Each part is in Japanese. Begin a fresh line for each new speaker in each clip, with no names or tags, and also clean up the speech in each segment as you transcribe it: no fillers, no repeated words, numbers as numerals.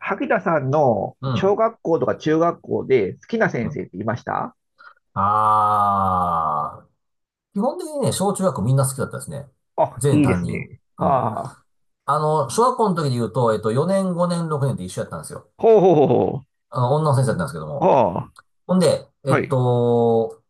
萩田さんの
うん。
小学校とか中学校で好きな
う
先
ん。
生っていました
ああ、基本的にね、小中学校みんな好きだったですね。
あ、
全
いいで
担
す
任。
ね。
うん。
はあ。
小学校の時で言うと、4年、5年、6年って一緒やったんですよ。
ほうほうほうほ
女の先生だったんですけど
う。
も。
は
ほんで、
あ、
え
は
っ
い。
と、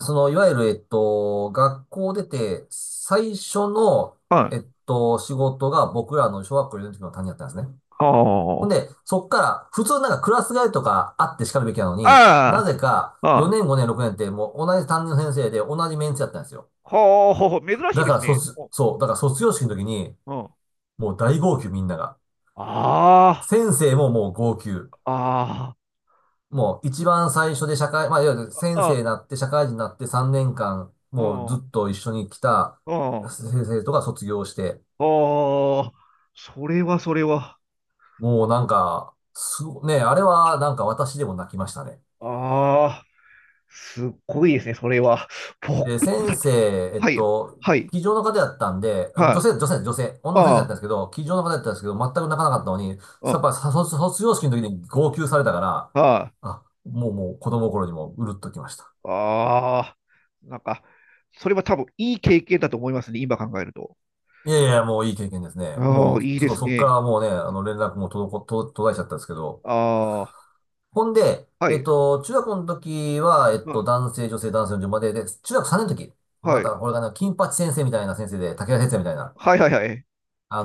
その、いわゆる、えっと、学校出て、最初の、
はい。
仕事が僕らの小学校4年の時の担任だったんですね。
は
ほんで、
あ。
そっから、普通なんかクラス替えとかあって叱るべきなのに、な
あ
ぜか
あ、ああ。
4年、5年、6年ってもう同じ担任の先生で同じメンツやったんですよ。
ほうほうほう。珍しい
だ
で
から
すね。お、
そう、だから卒業式の時に、
うん。あ
もう大号泣みんなが。
あ、
先生ももう号泣。
あ
もう一番最初でまあ、いわゆる
あ、
先生
あ、
になって社会人になって3年間、
う
もうず
ん、
っと一緒に来た
うん。
先生とか卒業して、
ああ、それはそれは。
もうなんか、すごね、あれはなんか私でも泣きましたね。
ああ、すっごいですね、それは。
で、
僕、
先
どうだったか
生、
な。はい、はい、
机上の方やったんで、あの
はい。
女性、女の先生
あ
だっ
あ、
たんですけど、机上の方やったんですけど、全く泣かなかったのに、やっ
うん、
ぱさ卒業式の時に号泣されたから、
はい。
あ、もう子供の頃にもううるっときました。
ああ、なんか、それは多分いい経験だと思いますね、今考えると。
いやいや、もういい経験ですね。
あ
も
あ、
う、
いい
ちょっ
で
と
す
そっか
ね。
らもうね、あの連絡も滞こ、と途絶えちゃったんですけど。
あ
ほんで、
あ、は
えっ
い、
と、中学の時は、
ま
男性、女性、男性の順番で、で、中学3年の時、ま
は
た
い、
これがね、金八先生みたいな先生で、武田先生みたいな、
はいはいはい、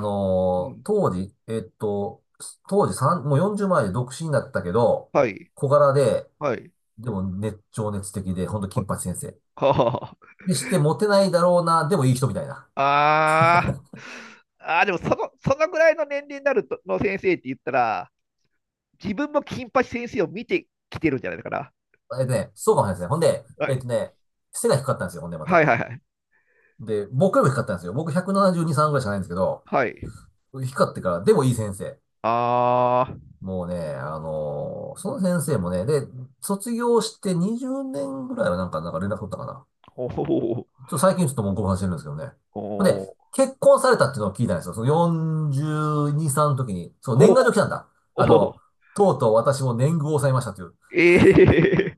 うん、
当時、当時3、もう40前で独身だったけど、
はい、
小柄で、
はい、
でも情熱的で、ほんと金
は、
八先生。
は
でして、モテないだろうな、でもいい人みたいな。
あ、あーあー、でもその、そのぐらいの年齢になるとの先生って言ったら、自分も金八先生を見てきてるんじゃないかな。
そうかもしれないですね。ほんで、
は
えっ
い、
とね、背が低かったんですよ、ほんでま
はい
た。
はいはい、
で、僕よりも低かったんですよ。僕172、3ぐらいしかないんですけど、
はい。
低かってから、でもいい先生。
あ
もうね、その先生もね、で、卒業して20年ぐらいはなんか、なんか連絡取ったかな。
あ、ほほほうほう
ちょっと最近ちょっともうご無してるんですけどね。ほんで、結婚されたっていうのを聞いたんですよ。その42、歳の時に。そう、
ほう
年賀
ほ
状来たんだ。
う
あ
ほうほ
の、
う
とうとう私も年貢を抑えましたという。
ええ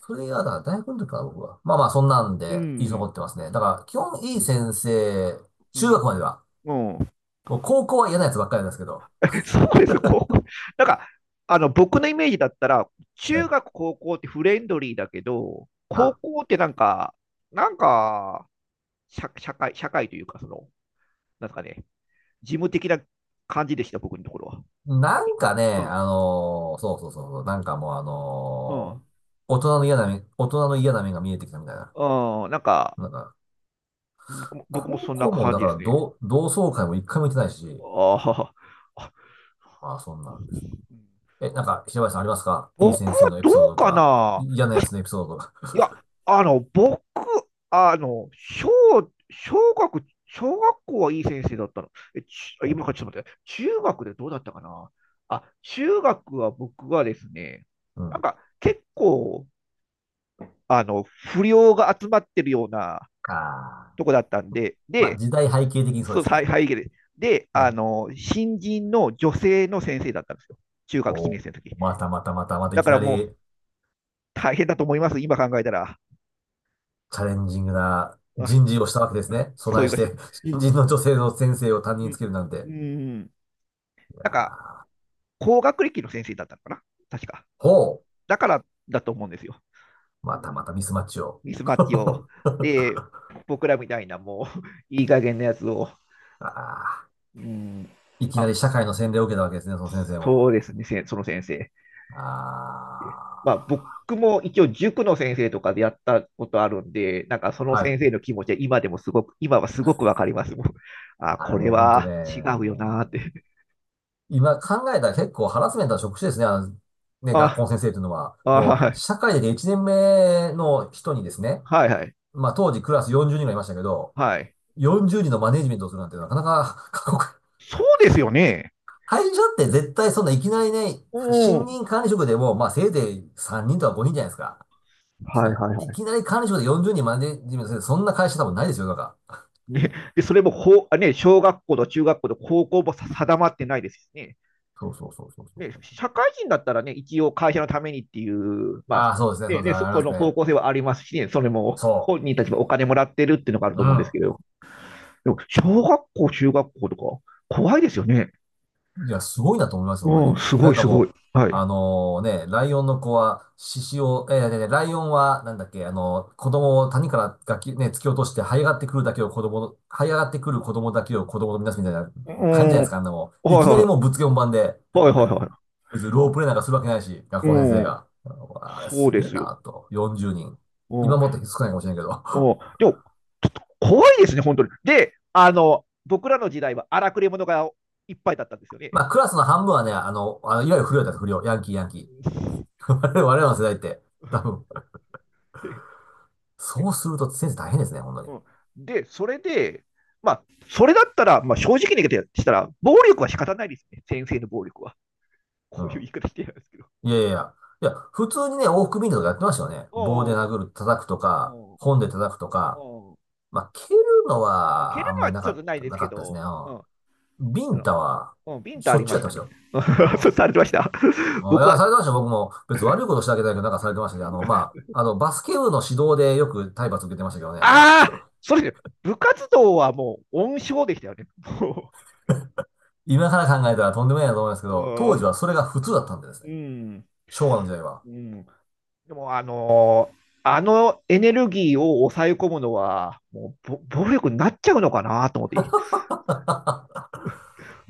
それが、だから大学の時かな、僕は。まあまあ、そんなん
う
で、印象残っ
ん、
てますね。だから、基本いい先生、
う
中学
ん、
までは。
うん。うん。
もう高校は嫌なやつばっかりなんですけど。
そうです、高校。なんか、僕のイメージだったら、
は
中
い。
学、高校ってフレンドリーだけど、高
は
校ってなんか、なんか、社、社会、社会というか、その、なんですかね、事務的な感じでした、僕のところは。
い。なんかね、
うん、
そうそうそう、なんかもう大人の嫌な面、大人の嫌な面が見えてきたみたいな。
うん、うん、なんか、
なんか、
僕も
高
そんな
校も、
感
だ
じ
か
で
ら
すね。
同窓会も一回も行ってないし、
あーあ、
ああ、そんなんです。え、なんか、平林さんありますかいい
僕
先生
は
のエ
ど
ピ
う
ソードと
か
か、
な。
嫌なやつのエピソードとか。
いや、僕、小、小学、小学校はいい先生だったの。え、ち、
お
今からちょっと待って、中学でどうだったかな。あ、中学は僕はですね、
う
なん
ん。
か結構、不良が集まってるような
ああ。
とこだったんで、
まあ、
で、
時代背景的にそうで
そう、
すよ
はい
ね。
はい、で、で、
はい。
新人の女性の先生だったんですよ。中学1
お
年
ー
生の時。
またまたまたまたい
だ
き
から
な
も
り
う大変だと思います、今考えたら。
チャレンジングな
あ、
人事をしたわけですね。
そ
備
うい
え
う
し
ことで
て、
す。
新人の女性の先生を担任
う
につ
ん。
けるなんて。
うん。
いや
なんか、
ー
高学歴の先生だったのかな確か。
ほう。
だからだと思うんですよ。う
またま
ん、
たミスマッチを。
ミスマッ チを。で、僕らみたいなもう、いい加減なやつを。
ああ。
うん、
いき
ま
な
あ、
り社会の洗礼を受けたわけですね、その先生も。
そうですね、せその先生。
あ
まあ、僕も一応塾の先生とかでやったことあるんで、なんかそ
あ、
の
は
先生
い。
の気持ちは今でもすごく、今はすごくわかりますもん。あ、
あ
こ
れ
れ
ね、ほんとね、
は違うよなーって。
今考えたら結構ハラスメントの職種ですね、ね、学校
あ、
の先生というのは。
あ、
もう、
はい、
社会で1年目の人にですね、
はい、はい、
まあ当時クラス40人がいましたけど、
はい。
40人のマネジメントをするなんてなかなか 過酷。
そうですよね。
会社って絶対そんないきなりね、
う
新
ん。
任管理職でも、まあせいぜい3人とか5人じゃないですか。そん
はい、
な、
はい、
い
はい。
きなり管理職で40人マネジメントする、そんな会社多分ないですよ、なんか。
ね、でそれも法ね、小学校と中学校と高校も定まってないですしね。
そうそうそうそうそ
ね、
う。
社会人だったらね、一応会社のためにっていう、ま
あ
あ、
あ、そうですね、そ
ね
うです
ね、
ね、あ
そ
り
そ
ます
の
ね。
方向性はありますしね、それも
そ
本人たちもお金もらってるっていうのがある
う。う
と思うんです
ん。
けど、でも小学校、中学校とか、怖いですよね。
いや、すごいなと思いますよ、本当
うん、
に。
すご
なん
い、
か
すごい。
もう、
は
あ
い。
のね、ライオンの子は、獅子を、えー、でライオンは、なんだっけ、あの子供を谷からがき、ね、突き落として、這い上がってくる子供だけを子供とみなすみたいな
う
感じじ
ん、
ゃないです
はい
か、あんなもん。いきなり
は
もうぶっつけ本番で、
い、はいはいは
別にロープレイなんかするわけないし、学
い。
校先生
うん、
が。あれ
そう
す
で
げえ
すよ。
なと。40人。
う
今
ん、
もっと少ないかもしれないけど。
おでも、ちょっと怖いですね、本当に。で、僕らの時代は荒くれ者がいっぱいだったんですよ
ま
ね。
あ、クラスの半分はね、あの、いわゆる不良だった不良。ヤンキ ー。我々の世代って。多分
で
そうすると先生大変ですね、本当に。
うんで、それで、まあ、それだったら、まあ、正直に言ってしたら、暴力は仕方ないですね、先生の暴力は。こ
う
ういう言
ん。
い方してるんですけど。
いやいやいや。いや、普通にね、往復ビンタとかやってましたよね。
う
棒で殴
ん
る、叩くと
う
か、
んうん
本で叩くとか。
う
まあ、蹴るの
ん、蹴
はあ
る
ん
の
まり
は
な
ち
か
ょっ
っ
とない
た、
で
な
す
か
け
ったですね。
ど、うん、
うん。ビ
あ
ン
の
タは、
うん、ビンタ
し
あ
ょっ
り
ちゅ
ま
うや
し
ってま
た
した
ね。
よ。う
そ
ん。
うされてました。
うんい
僕は
や、されてましたよ。僕も別に悪いことしてあげたいけど、なんかされてましたし、バスケ部の指導でよく体罰受けてましたけどね。
ああ、それで、部活動はもう温床でしたよね。
今から考えたらとんでもないなと思いますけ
も
ど、当時
う、
はそれが普通だったんでですね。
うん、
昭和の時代は。
うん。でも、あのエネルギーを抑え込むのは、もうぼ暴力になっちゃうのかなと思って、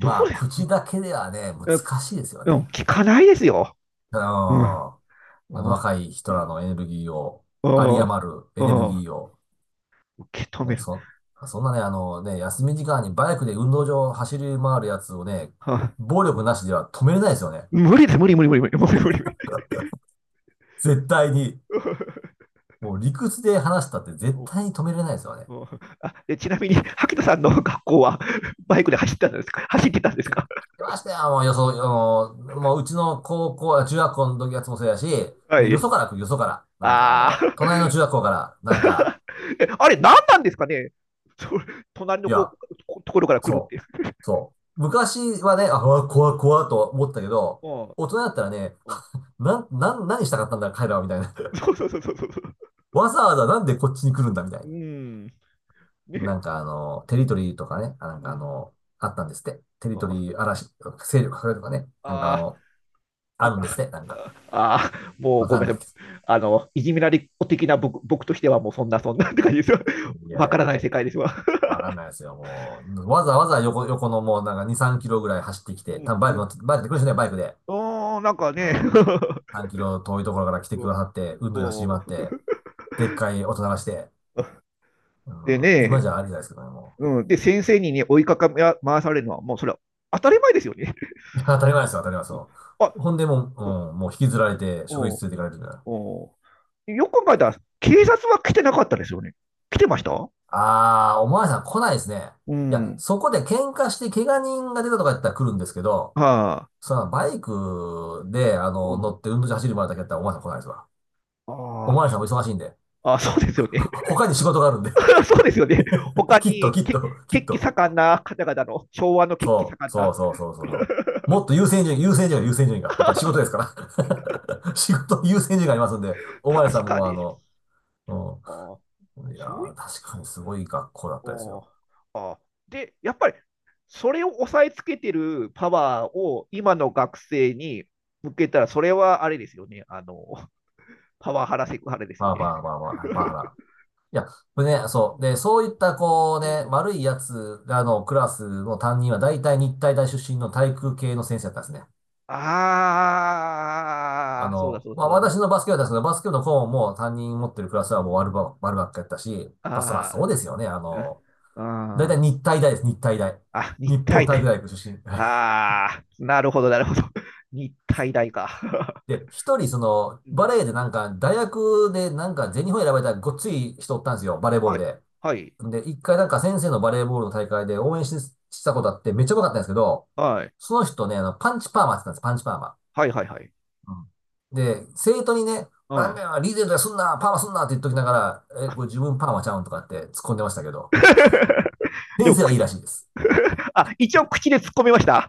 どうで
あ、
すか？
口だけではね、難
え
しいですよ
う
ね。
ん、聞かないですよ。
うん。
うん、うん、
若い人らのエネルギーを、
う
有
ん、
り余る
う
エネル
ん、
ギーを、
受け止め
ね、
る。
そ、そんなね、あのね、休み時間にバイクで運動場を走り回るやつをね、
はあ、
暴力なしでは止めれないですよね。
無理です、無理、無理、無理、無理、無理、無理。
絶対に。もう理屈で話したって絶対に止めれないですよね。
あ、で、ちなみに、萩田さんの学校はバイクで走ったんですか、走ってたんです
聞
か？
きましたよ、もううちの高校、あ中学校の時やつもそうやし、
は
ねよそ
い。
から来る、よそから。なんかあ
あ
の、
あ。
隣の中学校から、なんか、
えあれ、何なんですかね？そ 隣
い
のこ
や、
うところから来るっ
そう。
て。
そう。昔はね、あ、うわ怖いと思ったけど、
うん
大人だったらね、
うん。
何したかったんだ、彼らは、みたいな。
そうそうそうそうそう。
わざわざなんでこっちに来るんだ、みた
う
い
ん。
な。
ね。
なんかあの、テリトリーとかね、あな
う
んかあ
ん。
の、あったんですって。テリト
あ
リー嵐、勢力拡大とかね、なんかあ
あ
の、あ
なん
るんで
か、
すって、なんか。
ああ、もう
わ
ご
かん
めんな
ない
さい。
けど。
いじめられっ子的な僕としてはもうそんなそんなって感じですよ。
い や
わか
い
ら
や、
ない世界ですわ。
わかんないですよ、もう。わざわざ横のもうなんか2、3キロぐらい走ってきて、
う
多
ん
分バイ
う
ク乗
ん、
って、バイクで来る人ね、バイクで。
あーなんか
う
ね、
ん。3キロ遠いところから来てくださって、運
う
動で走り
ん
回っ
うん
て、でっかい音流して、うん、
で
今
ね、
じゃありじゃないですけどね、も
うん、で先生に、ね、追いかか回されるのは、もうそれは当たり前ですよね。
う。いや、当たり前ですよ、当たり前で す
うん
よ。
あ
ほんでもう、
うん
うん、もう引きずられて、
う
職員
ん
室連れて行かれるみたいな。
うん、よく考えたら、警察は来てなかったですよね。来てました
あー、おまわりさん来ないですね。
う
いや、
ん。
そこで喧嘩して怪我人が出たとかやったら来るんですけど、
はあ。
そのバイクで、
う
乗
ん。
って運動場走る前だけやったらおまわりさん来ないですわ。おまわり
あ
さんも忙しいんで。
あ。あ、そうですよね。
他に仕事があるんで
そうですよね。他
きっと、
に、
きっ
け、
と、きっ
血気
と。
盛んな方々の、昭和の血気
そう、
盛ん
そう
な。
そうそうそうそ う。もっと優先順位、優先順位、優先順位が。やっぱり仕事ですから。仕事、優先順位がありますんで、お前
確
さん
か
も
に。
う
ああ。
ん。いや
そうい、
ー、確
そ
かにすごい学校だっ
う
たですよ。
ああ。ああ。で、やっぱり、それを抑えつけてるパワーを今の学生に向けたら、それはあれですよね。パワハラセクハラですよ
バー
ね。
バーバーバー、バーハラ。いや、これね、そう。で、そういった、こう
う
ね、
ん。
悪いやつらのクラスの担任は、大体日体大出身の体育系の先生だったんですね。
ああ、そうだそうだそうだそ
私
う
のバスケ部だったんですけど、バスケ部の顧問も担任持ってるクラスはもう悪ばっかやったし、
だ。
まあ、そら
あ
そう
あ、
ですよね。あの、
うん
だい
う
たい
ん
日体大です、日体大。
あ、日
日本
体
体育
大。
大学出身。はい
ああ、なるほどなるほど。日体大か。
で、一人、その、
うん、
バレーでなんか、大学でなんか、全日本選ばれたごっつい人おったんですよ、バレーボ
は
ール
い、
で。
はい、
で、一回なんか先生のバレーボールの大会で応援し、したことあって、めっちゃ良かったんですけど、
はい、
その人ね、あの、パンチパーマって言ったんです、パンチパーマ。
はい、はい、はい。
うんで、生徒にね、
う
ラー
ん。
メンはリーゼントやすんな、パーマすんなって言っときながら、え、これ自分パーマちゃうんとかって突っ込んでましたけど、
で
先
も、
生は
く
いいらしいです。
あ、一応口で突っ込みました。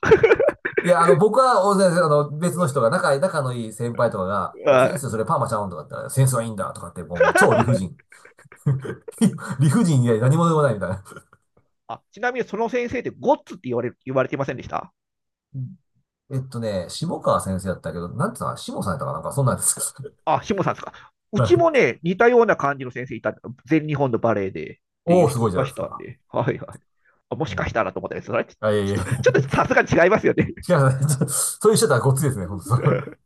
いや、あの、僕は、大先生、あの、別の人が、仲のいい先輩とかが、いや、先
は
生、そ
い
れパーマちゃうんとかって言ったら、センスはいいんだとかって、もう超理不尽。理不尽以外何もでもないみたいな。
あ、ちなみにその先生ってゴッツって言われ、言われてませんでした
えっとね、下川先生だったけど、なんてさ、下さんやったかなんか、そんなんです。
あ、下さんですか。う
は
ち
い
もね、似たような感じの先生いた、全日本のバレエでってい
お
う
お、す
人
ごい
い
じゃ
ま
ない
し
です
たん
か。
で、はいはい。あも
う
しかし
ん。
たらと思ったら、それはち
あ、いやいや、違
ょっと、ちょっと
う、
ちょっとさすがに違いますよね。
ちょそういう人だったらごっついですね、本当